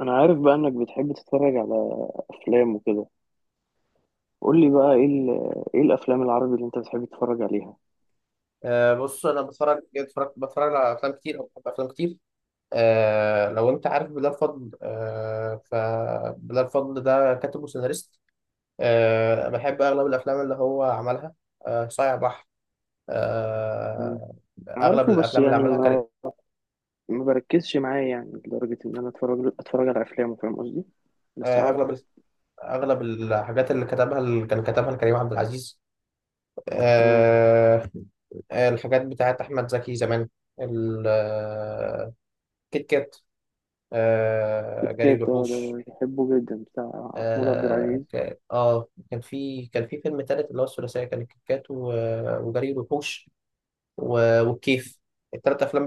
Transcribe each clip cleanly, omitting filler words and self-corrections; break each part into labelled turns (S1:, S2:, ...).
S1: انا عارف بقى انك بتحب تتفرج على افلام وكده. قول لي بقى ايه ايه الافلام العربي اللي انت بتحب تتفرج عليها؟
S2: بص انا بتفرج جد بتفرج بتفرج على افلام كتير او بحب افلام كتير. لو انت عارف بلال فضل، فبلال فضل ده كاتب وسيناريست. بحب اغلب الافلام اللي هو عملها. صايع بحر.
S1: مم.
S2: أه اغلب
S1: عارفه، بس
S2: الافلام اللي
S1: يعني
S2: عملها كريم.
S1: ما بركزش معاه، يعني لدرجة ان انا اتفرج على افلامه، فاهم قصدي؟ بس
S2: أه اغلب
S1: عارفه.
S2: ال- اغلب الحاجات اللي كان كتبها لكريم عبد العزيز.
S1: مم.
S2: أه الحاجات بتاعت احمد زكي زمان. ال- آه، كيت كات.
S1: كيت
S2: جري
S1: كات،
S2: وحوش.
S1: ده بحبه جدا، بتاع محمود عبد العزيز.
S2: كان في فيلم تالت اللي هو الثلاثيه، كان الكيكات وجري الوحوش والكيف، التلات افلام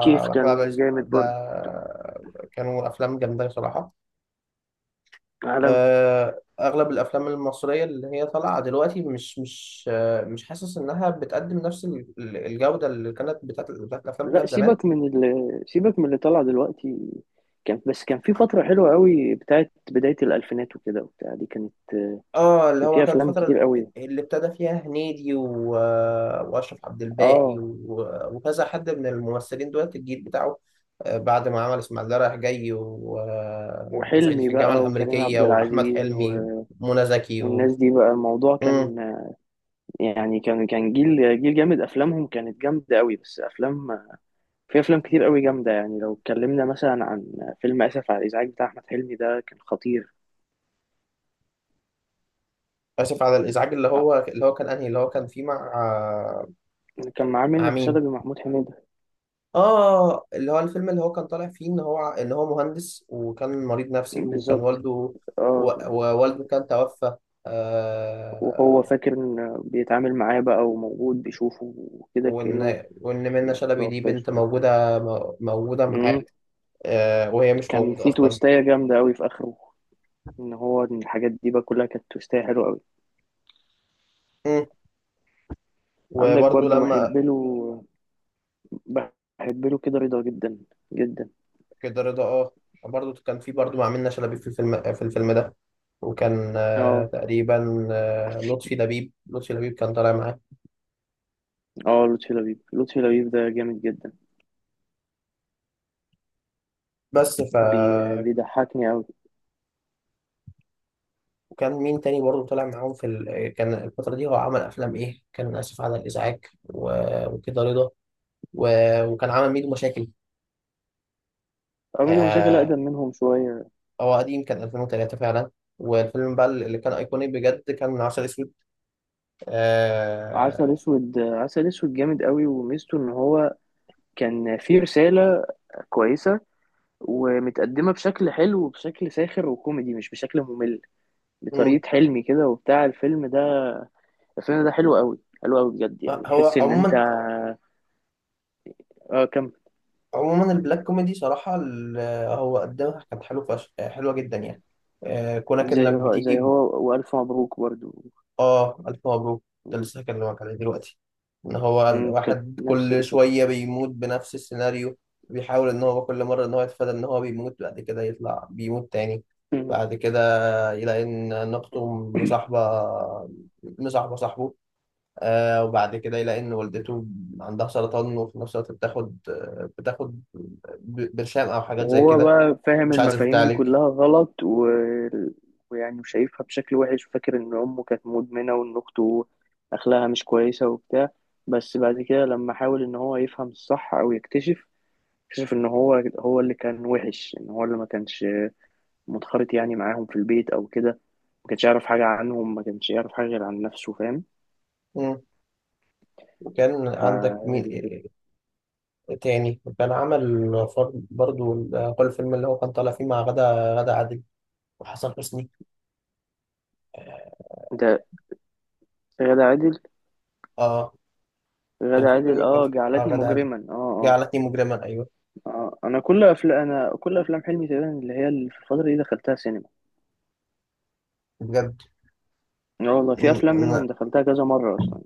S1: كيف
S2: احمد عبد
S1: كان
S2: العزيز
S1: جامد
S2: ده،
S1: برضه،
S2: كانوا افلام جامده بصراحه.
S1: عالمي.
S2: اغلب الافلام المصريه اللي هي طالعه دلوقتي، مش حاسس انها بتقدم نفس الجوده اللي كانت بتاعت الافلام
S1: لا،
S2: بتاعت زمان.
S1: سيبك من اللي طلع دلوقتي، كان في فترة حلوة قوي بتاعت بداية الألفينات وكده وبتاع، دي كانت
S2: اه اللي
S1: كان
S2: هو
S1: فيها
S2: كان
S1: أفلام
S2: الفترة
S1: كتير قوي.
S2: اللي ابتدى فيها هنيدي وأشرف عبد الباقي
S1: اه،
S2: وكذا حد من الممثلين دولت الجيل بتاعه. بعد ما عمل إسماعيلية رايح جاي و... آه، وصعيدي
S1: وحلمي
S2: في الجامعة
S1: بقى وكريم
S2: الأمريكية
S1: عبد
S2: وأحمد
S1: العزيز
S2: حلمي ومنى زكي.
S1: والناس دي بقى، الموضوع
S2: مم.
S1: كان يعني كان جيل جامد، افلامهم كانت جامده قوي. بس افلام في افلام كتير قوي جامده، يعني لو اتكلمنا مثلا عن فيلم اسف على الازعاج بتاع احمد حلمي، ده كان خطير.
S2: آسف على الإزعاج، اللي هو كان أنهي اللي هو كان فيه مع؟
S1: كان معاه
S2: مع
S1: منة
S2: مين؟
S1: شلبي ومحمود حميدة.
S2: آه، اللي هو الفيلم اللي هو كان طالع فيه إن هو مهندس، وكان مريض نفسي، وكان
S1: بالظبط،
S2: والده،
S1: اه.
S2: ووالده كان توفى،
S1: وهو
S2: آه.
S1: فاكر ان بيتعامل معاه بقى، وموجود بيشوفه وكده كأنه
S2: وإن منة
S1: ما
S2: شلبي دي
S1: توفاش.
S2: بنت موجودة، موجودة
S1: مم.
S2: معاك. آه، وهي مش
S1: كان
S2: موجودة
S1: في
S2: أصلا.
S1: تويستاية جامدة أوي في آخره، ان هو إن الحاجات دي بقى كلها كانت توستاية حلوة قوي.
S2: مم.
S1: عندك
S2: وبرضو
S1: برضو
S2: لما
S1: بحب له كده رضا، جدا جدا.
S2: كده رضا، اه، برضو كان في، برضو مع منة شلبي في الفيلم ده. وكان
S1: اه،
S2: تقريبا لطفي لبيب كان طالع معاه.
S1: اه، لطفي لبيب، ده جامد جدا.
S2: بس ف
S1: بي... بيضحكني قوي.
S2: وكان مين تاني برضو طالع معاهم في كان الفترة دي هو عمل أفلام إيه؟ كان آسف على الإزعاج، وكده رضا و... وكان عمل ميدو مشاكل.
S1: ميدو مشاكل
S2: آه،
S1: اقدم منهم شوية.
S2: هو قديم، كان 2003 فعلا. والفيلم بقى اللي كان ايقوني بجد كان من عسل اسود
S1: عسل
S2: آه...
S1: اسود، جامد قوي، وميزته ان هو كان فيه رسالة كويسة، ومتقدمة بشكل حلو وبشكل ساخر وكوميدي، مش بشكل ممل،
S2: مم.
S1: بطريقة حلمي كده وبتاع الفيلم ده الفيلم ده حلو قوي، حلو قوي بجد، يعني
S2: هو
S1: تحس ان انت.
S2: عموما
S1: اه، كمل.
S2: عموما البلاك كوميدي صراحه هو قدمها كانت حلوه جدا يعني. آه، كونك انك
S1: زي
S2: بتيجي.
S1: هو والف مبروك برضو.
S2: اه، الف مبروك، ده
S1: مم.
S2: لسه هكلمك عليه دلوقتي. ان هو
S1: مم. كانت
S2: الواحد
S1: نفس
S2: كل
S1: الفكره.
S2: شويه بيموت بنفس السيناريو، بيحاول ان هو كل مره ان هو يتفادى ان هو بيموت، بعد كده يطلع بيموت تاني.
S1: مم.
S2: بعد كده يلاقي ان اخته مصاحبه مصاحبه صاحبه. آه، وبعد كده يلاقي ان والدته عندها سرطان، وفي نفس الوقت بتاخد برشام او حاجات زي
S1: وهو
S2: كده،
S1: بقى فاهم
S2: مش عايزه
S1: المفاهيم دي
S2: تتعالج.
S1: كلها غلط، ويعني شايفها بشكل وحش، وفاكر ان امه كانت مدمنه وان اخته اخلاقها مش كويسه وبتاع. بس بعد كده لما حاول ان هو يفهم الصح او يكتشف، اكتشف ان هو هو اللي كان وحش، ان هو اللي ما كانش منخرط يعني معاهم في البيت او كده، ما كانش يعرف حاجه عنهم، ما كانش يعرف حاجه غير عن نفسه، فاهم؟
S2: مم. وكان
S1: ف
S2: عندك مين تاني؟ وكان عمل برضو كل فيلم اللي هو كان طالع فيه مع غادة عادل وحسن حسني،
S1: انت، غادة عادل،
S2: اه. كان
S1: غادة
S2: في
S1: عادل،
S2: فيلم كان
S1: اه،
S2: فيه مع
S1: جعلتني
S2: غادة عادل،
S1: مجرما، اه، اه.
S2: جعلتني مجرما، ايوه.
S1: اه، انا كل افلام، انا كل افلام حلمي تقريبا اللي هي اللي في الفتره دي دخلتها سينما.
S2: بجد.
S1: اه والله، في افلام
S2: م-
S1: منهم دخلتها كذا مره اصلا.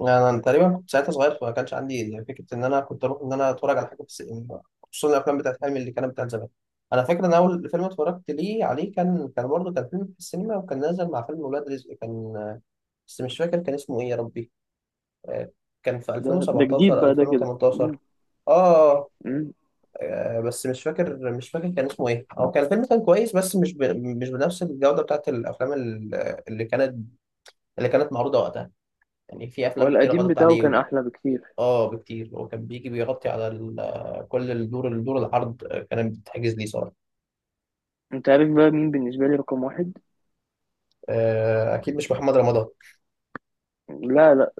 S2: انا تقريبا كنت ساعتها صغير، فما كانش عندي يعني فكره ان انا كنت اروح ان انا اتفرج على حاجه في السينما، خصوصا الافلام بتاعت حلمي اللي كانت بتاعت زمان. انا فاكر ان اول فيلم اتفرجت ليه عليه كان برضه كان فيلم في السينما، وكان نازل مع فيلم ولاد رزق كان، بس مش فاكر كان اسمه ايه يا ربي. آه، كان في
S1: ده جديد
S2: 2017
S1: بقى، ده كده. مم،
S2: 2018، اه.
S1: مم.
S2: آه، بس مش فاكر كان اسمه ايه. هو كان الفيلم كان كويس، بس مش بنفس الجودة بتاعت الافلام اللي كانت اللي كانت معروضة وقتها. يعني في افلام كتير
S1: والقديم
S2: غلطت
S1: بتاعه
S2: عليه
S1: كان
S2: وال-
S1: احلى بكتير.
S2: اه بكتير، هو كان بيجي بيغطي على كل الدور العرض، آه، كانت بتتحجز ليه صراحة.
S1: انت عارف بقى مين بالنسبه لي رقم واحد؟
S2: آه، اكيد مش محمد رمضان.
S1: لا، لا،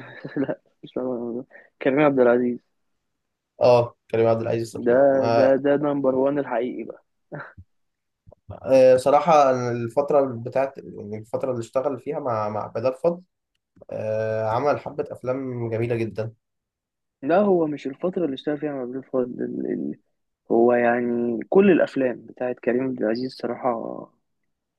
S1: لا، مش رقم واحد. كريم عبد العزيز.
S2: اه كريم عبد العزيز
S1: ده
S2: صراحة.
S1: ده نمبر وان الحقيقي بقى.
S2: آه، صراحة أنا الفترة بتاعت يعني الفترة اللي اشتغل فيها مع بدر فضل، آه، عمل حبة أفلام جميلة جدا.
S1: لا، هو مش الفترة اللي اشتغل فيها مع عبد الفضل، هو يعني كل الأفلام بتاعت كريم عبد العزيز صراحة.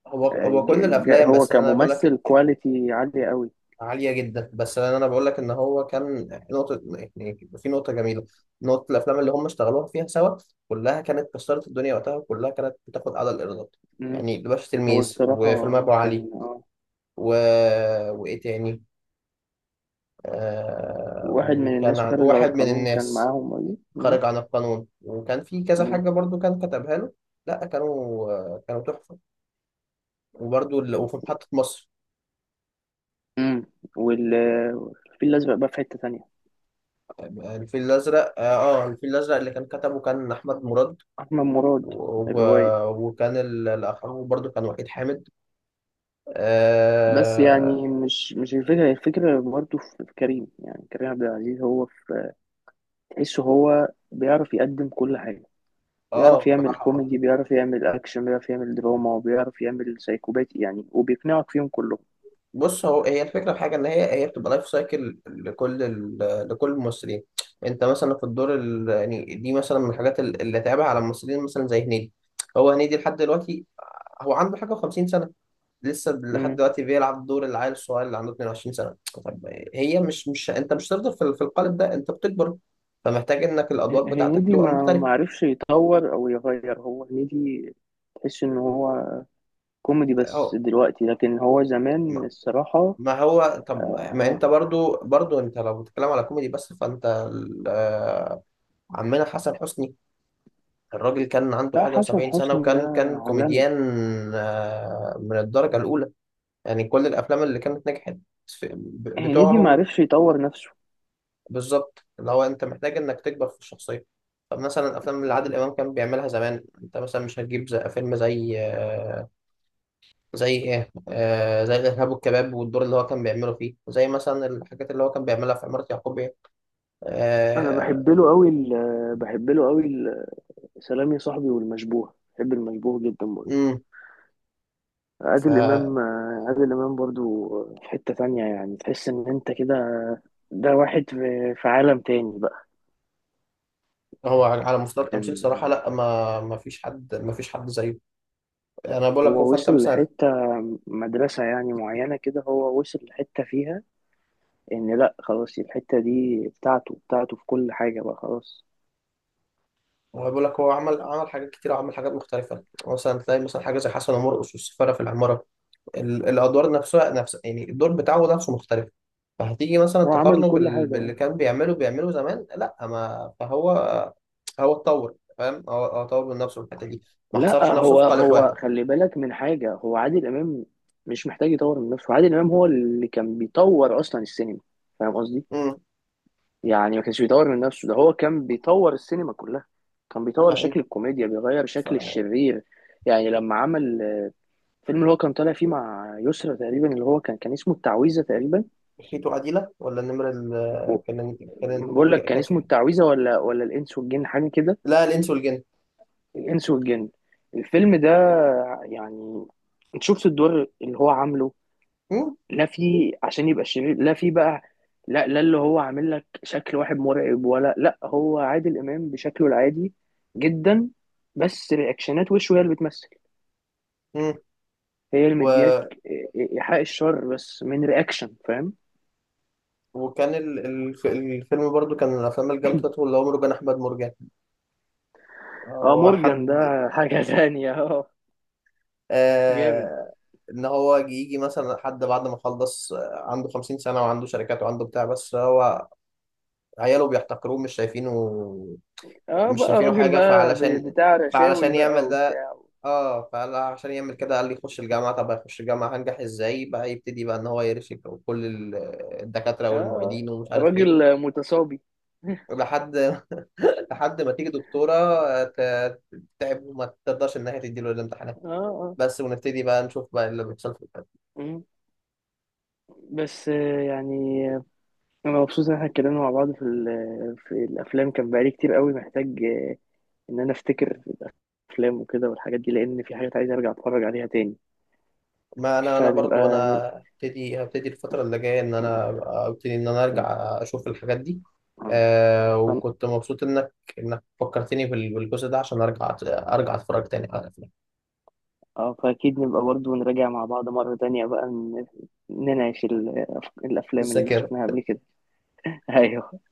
S2: هو كل الافلام،
S1: هو
S2: بس انا بقول لك،
S1: كممثل كواليتي عالية قوي.
S2: عالية جدا، بس انا بقول لك ان هو كان نقطة، يعني في نقطة جميلة، نقطة الافلام اللي هم اشتغلوها فيها سوا كلها كانت كسرت الدنيا وقتها، وكلها كانت بتاخد اعلى الايرادات.
S1: مم.
S2: يعني الباشا
S1: هو
S2: تلميذ،
S1: الصراحة
S2: وفيلم ابو
S1: كان
S2: علي و... وايه تاني،
S1: واحد من
S2: وكان
S1: الناس، وخارج على
S2: واحد من
S1: القانون، كان
S2: الناس،
S1: معاهم قوي. مم.
S2: خارج عن القانون، وكان في كذا
S1: مم.
S2: حاجة برضو كان كتبها له. لا كانوا تحفة. وبرضو وفي محطة مصر.
S1: مم. وال الفيل الأزرق بقى في حتة تانية.
S2: الفيل الأزرق اللي كان كتبه كان أحمد مراد
S1: أحمد مراد،
S2: و...
S1: الرواية.
S2: الاخر برضو كان وحيد حامد،
S1: بس
S2: اه.
S1: يعني مش الفكرة، الفكرة برضه في كريم، يعني كريم عبد العزيز هو في، تحسه هو بيعرف يقدم كل حاجة.
S2: آه،
S1: بيعرف يعمل
S2: بصراحه،
S1: كوميدي، بيعرف يعمل أكشن، بيعرف يعمل دراما، وبيعرف يعمل سايكوباتي يعني، وبيقنعك فيهم كلهم.
S2: بص هو هي الفكره في حاجه ان هي بتبقى لايف سايكل لكل لكل الممثلين. انت مثلا في الدور يعني دي مثلا من الحاجات اللي اتعبها على الممثلين، مثلا زي هنيدي. هو هنيدي لحد دلوقتي، هو عنده حاجه و50 سنه، لسه لحد دلوقتي بيلعب دور العيل الصغير اللي عنده 22 سنه. طب، مش مش انت مش هتفضل في القالب ده، انت بتكبر، فمحتاج انك الادوار بتاعتك
S1: هنيدي
S2: تبقى
S1: ما
S2: مختلفه.
S1: ما عرفش يطور او يغير، هو هنيدي، تحس ان هو كوميدي بس
S2: اهو،
S1: دلوقتي، لكن هو زمان الصراحة.
S2: ما هو طب، ما
S1: آه،
S2: انت برضو انت لو بتتكلم على كوميدي بس، فانت عمنا حسن حسني، الراجل كان عنده
S1: لا،
S2: حاجة
S1: حسن
S2: و70 سنة،
S1: حسني ده
S2: وكان
S1: عالمي.
S2: كوميديان، آه، من الدرجة الأولى، يعني كل الأفلام اللي كانت نجحت
S1: هنيدي ما
S2: بتوعهم.
S1: عرفش يطور نفسه.
S2: بالظبط، اللي هو أنت محتاج إنك تكبر في الشخصية. طب مثلا الأفلام اللي عادل إمام كان بيعملها زمان، أنت مثلا مش هتجيب زي فيلم زي آه، زي إيه آه، زي الإرهاب والكباب، والدور اللي هو كان بيعمله فيه، زي مثلا الحاجات اللي هو كان بيعملها في عمارة يعقوب،
S1: انا
S2: آه،
S1: بحب له قوي بحب له قوي سلام يا صاحبي، والمشبوه، بحب المشبوه جدا برضه.
S2: امم.
S1: عادل
S2: فهو،
S1: امام، عادل امام برضه، في حتة تانية، يعني تحس ان انت كده، ده واحد في عالم تاني بقى.
S2: على مستوى التمثيل
S1: كان
S2: صراحة، لا ما فيش حد، ما فيش حد زيه. يعني انا بقول لك، هو،
S1: هو
S2: فانت
S1: وصل
S2: مثلا،
S1: لحتة، مدرسة يعني معينة كده، هو وصل لحتة فيها إن لأ، خلاص الحتة دي بتاعته في كل حاجة بقى، خلاص.
S2: هو بقول لك هو عمل حاجات كتير، وعمل حاجات مختلفة. مثلا تلاقي مثلا حاجة زي حسن ومرقص، والسفارة في العمارة، الادوار نفسها، نفس يعني الدور بتاعه، نفسه مختلف. فهتيجي مثلا
S1: هو عمل
S2: تقارنه
S1: كل حاجة أهو.
S2: باللي كان بيعمله زمان، لا ما فهو، هو اتطور، فاهم؟ هو اتطور من نفسه في الحتة دي، ما
S1: لأ،
S2: حصرش نفسه
S1: هو
S2: في قالب
S1: هو
S2: واحد.
S1: خلي بالك من حاجة، هو عادل إمام مش محتاج يطور من نفسه، عادل إمام هو اللي كان بيطور أصلا السينما، فاهم قصدي؟
S2: امم،
S1: يعني ما كانش بيطور من نفسه، ده هو كان بيطور السينما كلها، كان بيطور شكل الكوميديا، بيغير شكل
S2: فانت،
S1: الشرير. يعني لما عمل الفيلم اللي هو كان طالع فيه مع يسرا تقريبا، اللي هو كان اسمه التعويذة تقريبا.
S2: خيتو عديلة ولا النمرة ال
S1: و-
S2: كان
S1: بقول لك
S2: كانت
S1: كان
S2: في
S1: اسمه
S2: حاجة،
S1: التعويذة ولا الإنس والجن، حاجة كده.
S2: لا، الإنس والجن.
S1: الإنس والجن، الفيلم ده، يعني انت شفت الدور اللي هو عامله؟
S2: مم؟
S1: لا فيه عشان يبقى شرير، لا فيه بقى لا، لا، اللي هو عامل لك شكل واحد مرعب؟ ولا، لا، هو عادل إمام بشكله العادي جدا، بس رياكشنات وشه هي اللي بتمثل،
S2: مم.
S1: هي اللي مدياك.
S2: و...
S1: إيحاء الشر بس من رياكشن، فاهم؟
S2: وكان ال... ال- الفيلم برضو كان من الأفلام الجامدة بتاعته، اللي هو مرجان أحمد مرجان.
S1: اه،
S2: هو
S1: مورجان
S2: حد،
S1: ده حاجة تانية، اه، جامد.
S2: آه... إن هو يجي مثلا حد بعد ما خلص، آه، عنده 50 سنة وعنده شركات وعنده بتاع، بس هو عياله بيحتقروه، مش شايفينه،
S1: اه،
S2: مش
S1: بقى
S2: شايفينه
S1: راجل
S2: حاجة.
S1: بقى،
S2: فعلشان،
S1: بتاع رشاوي
S2: فعلشان
S1: بقى
S2: يعمل ده،
S1: وبتاع.
S2: اه فقال عشان يعمل كده، قال لي يخش الجامعه. طب هيخش الجامعه هنجح ازاي؟ بقى يبتدي بقى ان هو يرشك كل الدكاتره
S1: اه، اه،
S2: والمعيدين ومش عارف ايه،
S1: راجل متصابي
S2: لحد لحد ما تيجي دكتوره ت- تتعب وما تقدرش ان هي تديله الامتحانات،
S1: اه، اه.
S2: بس، ونبتدي بقى نشوف بقى اللي بيحصل في البلد.
S1: مم. بس يعني انا مبسوط ان احنا اتكلمنا مع بعض في الافلام، كان بقالي كتير قوي محتاج، ان انا افتكر افلام وكده والحاجات دي، لان في حاجات عايز ارجع اتفرج عليها تاني.
S2: ما انا
S1: فنبقى
S2: برضو انا
S1: ن...
S2: هبتدي، الفتره اللي جايه ان
S1: مم.
S2: انا ابتدي ان انا ارجع
S1: مم.
S2: اشوف الحاجات دي. آه،
S1: مم.
S2: وكنت مبسوط انك فكرتني بالجزء ده عشان ارجع اتفرج تاني على الافلام،
S1: اه، فأكيد نبقى برضه نراجع مع بعض مرة تانية بقى، نناقش الأفلام اللي
S2: الذاكره.
S1: شفناها قبل كده. أيوه.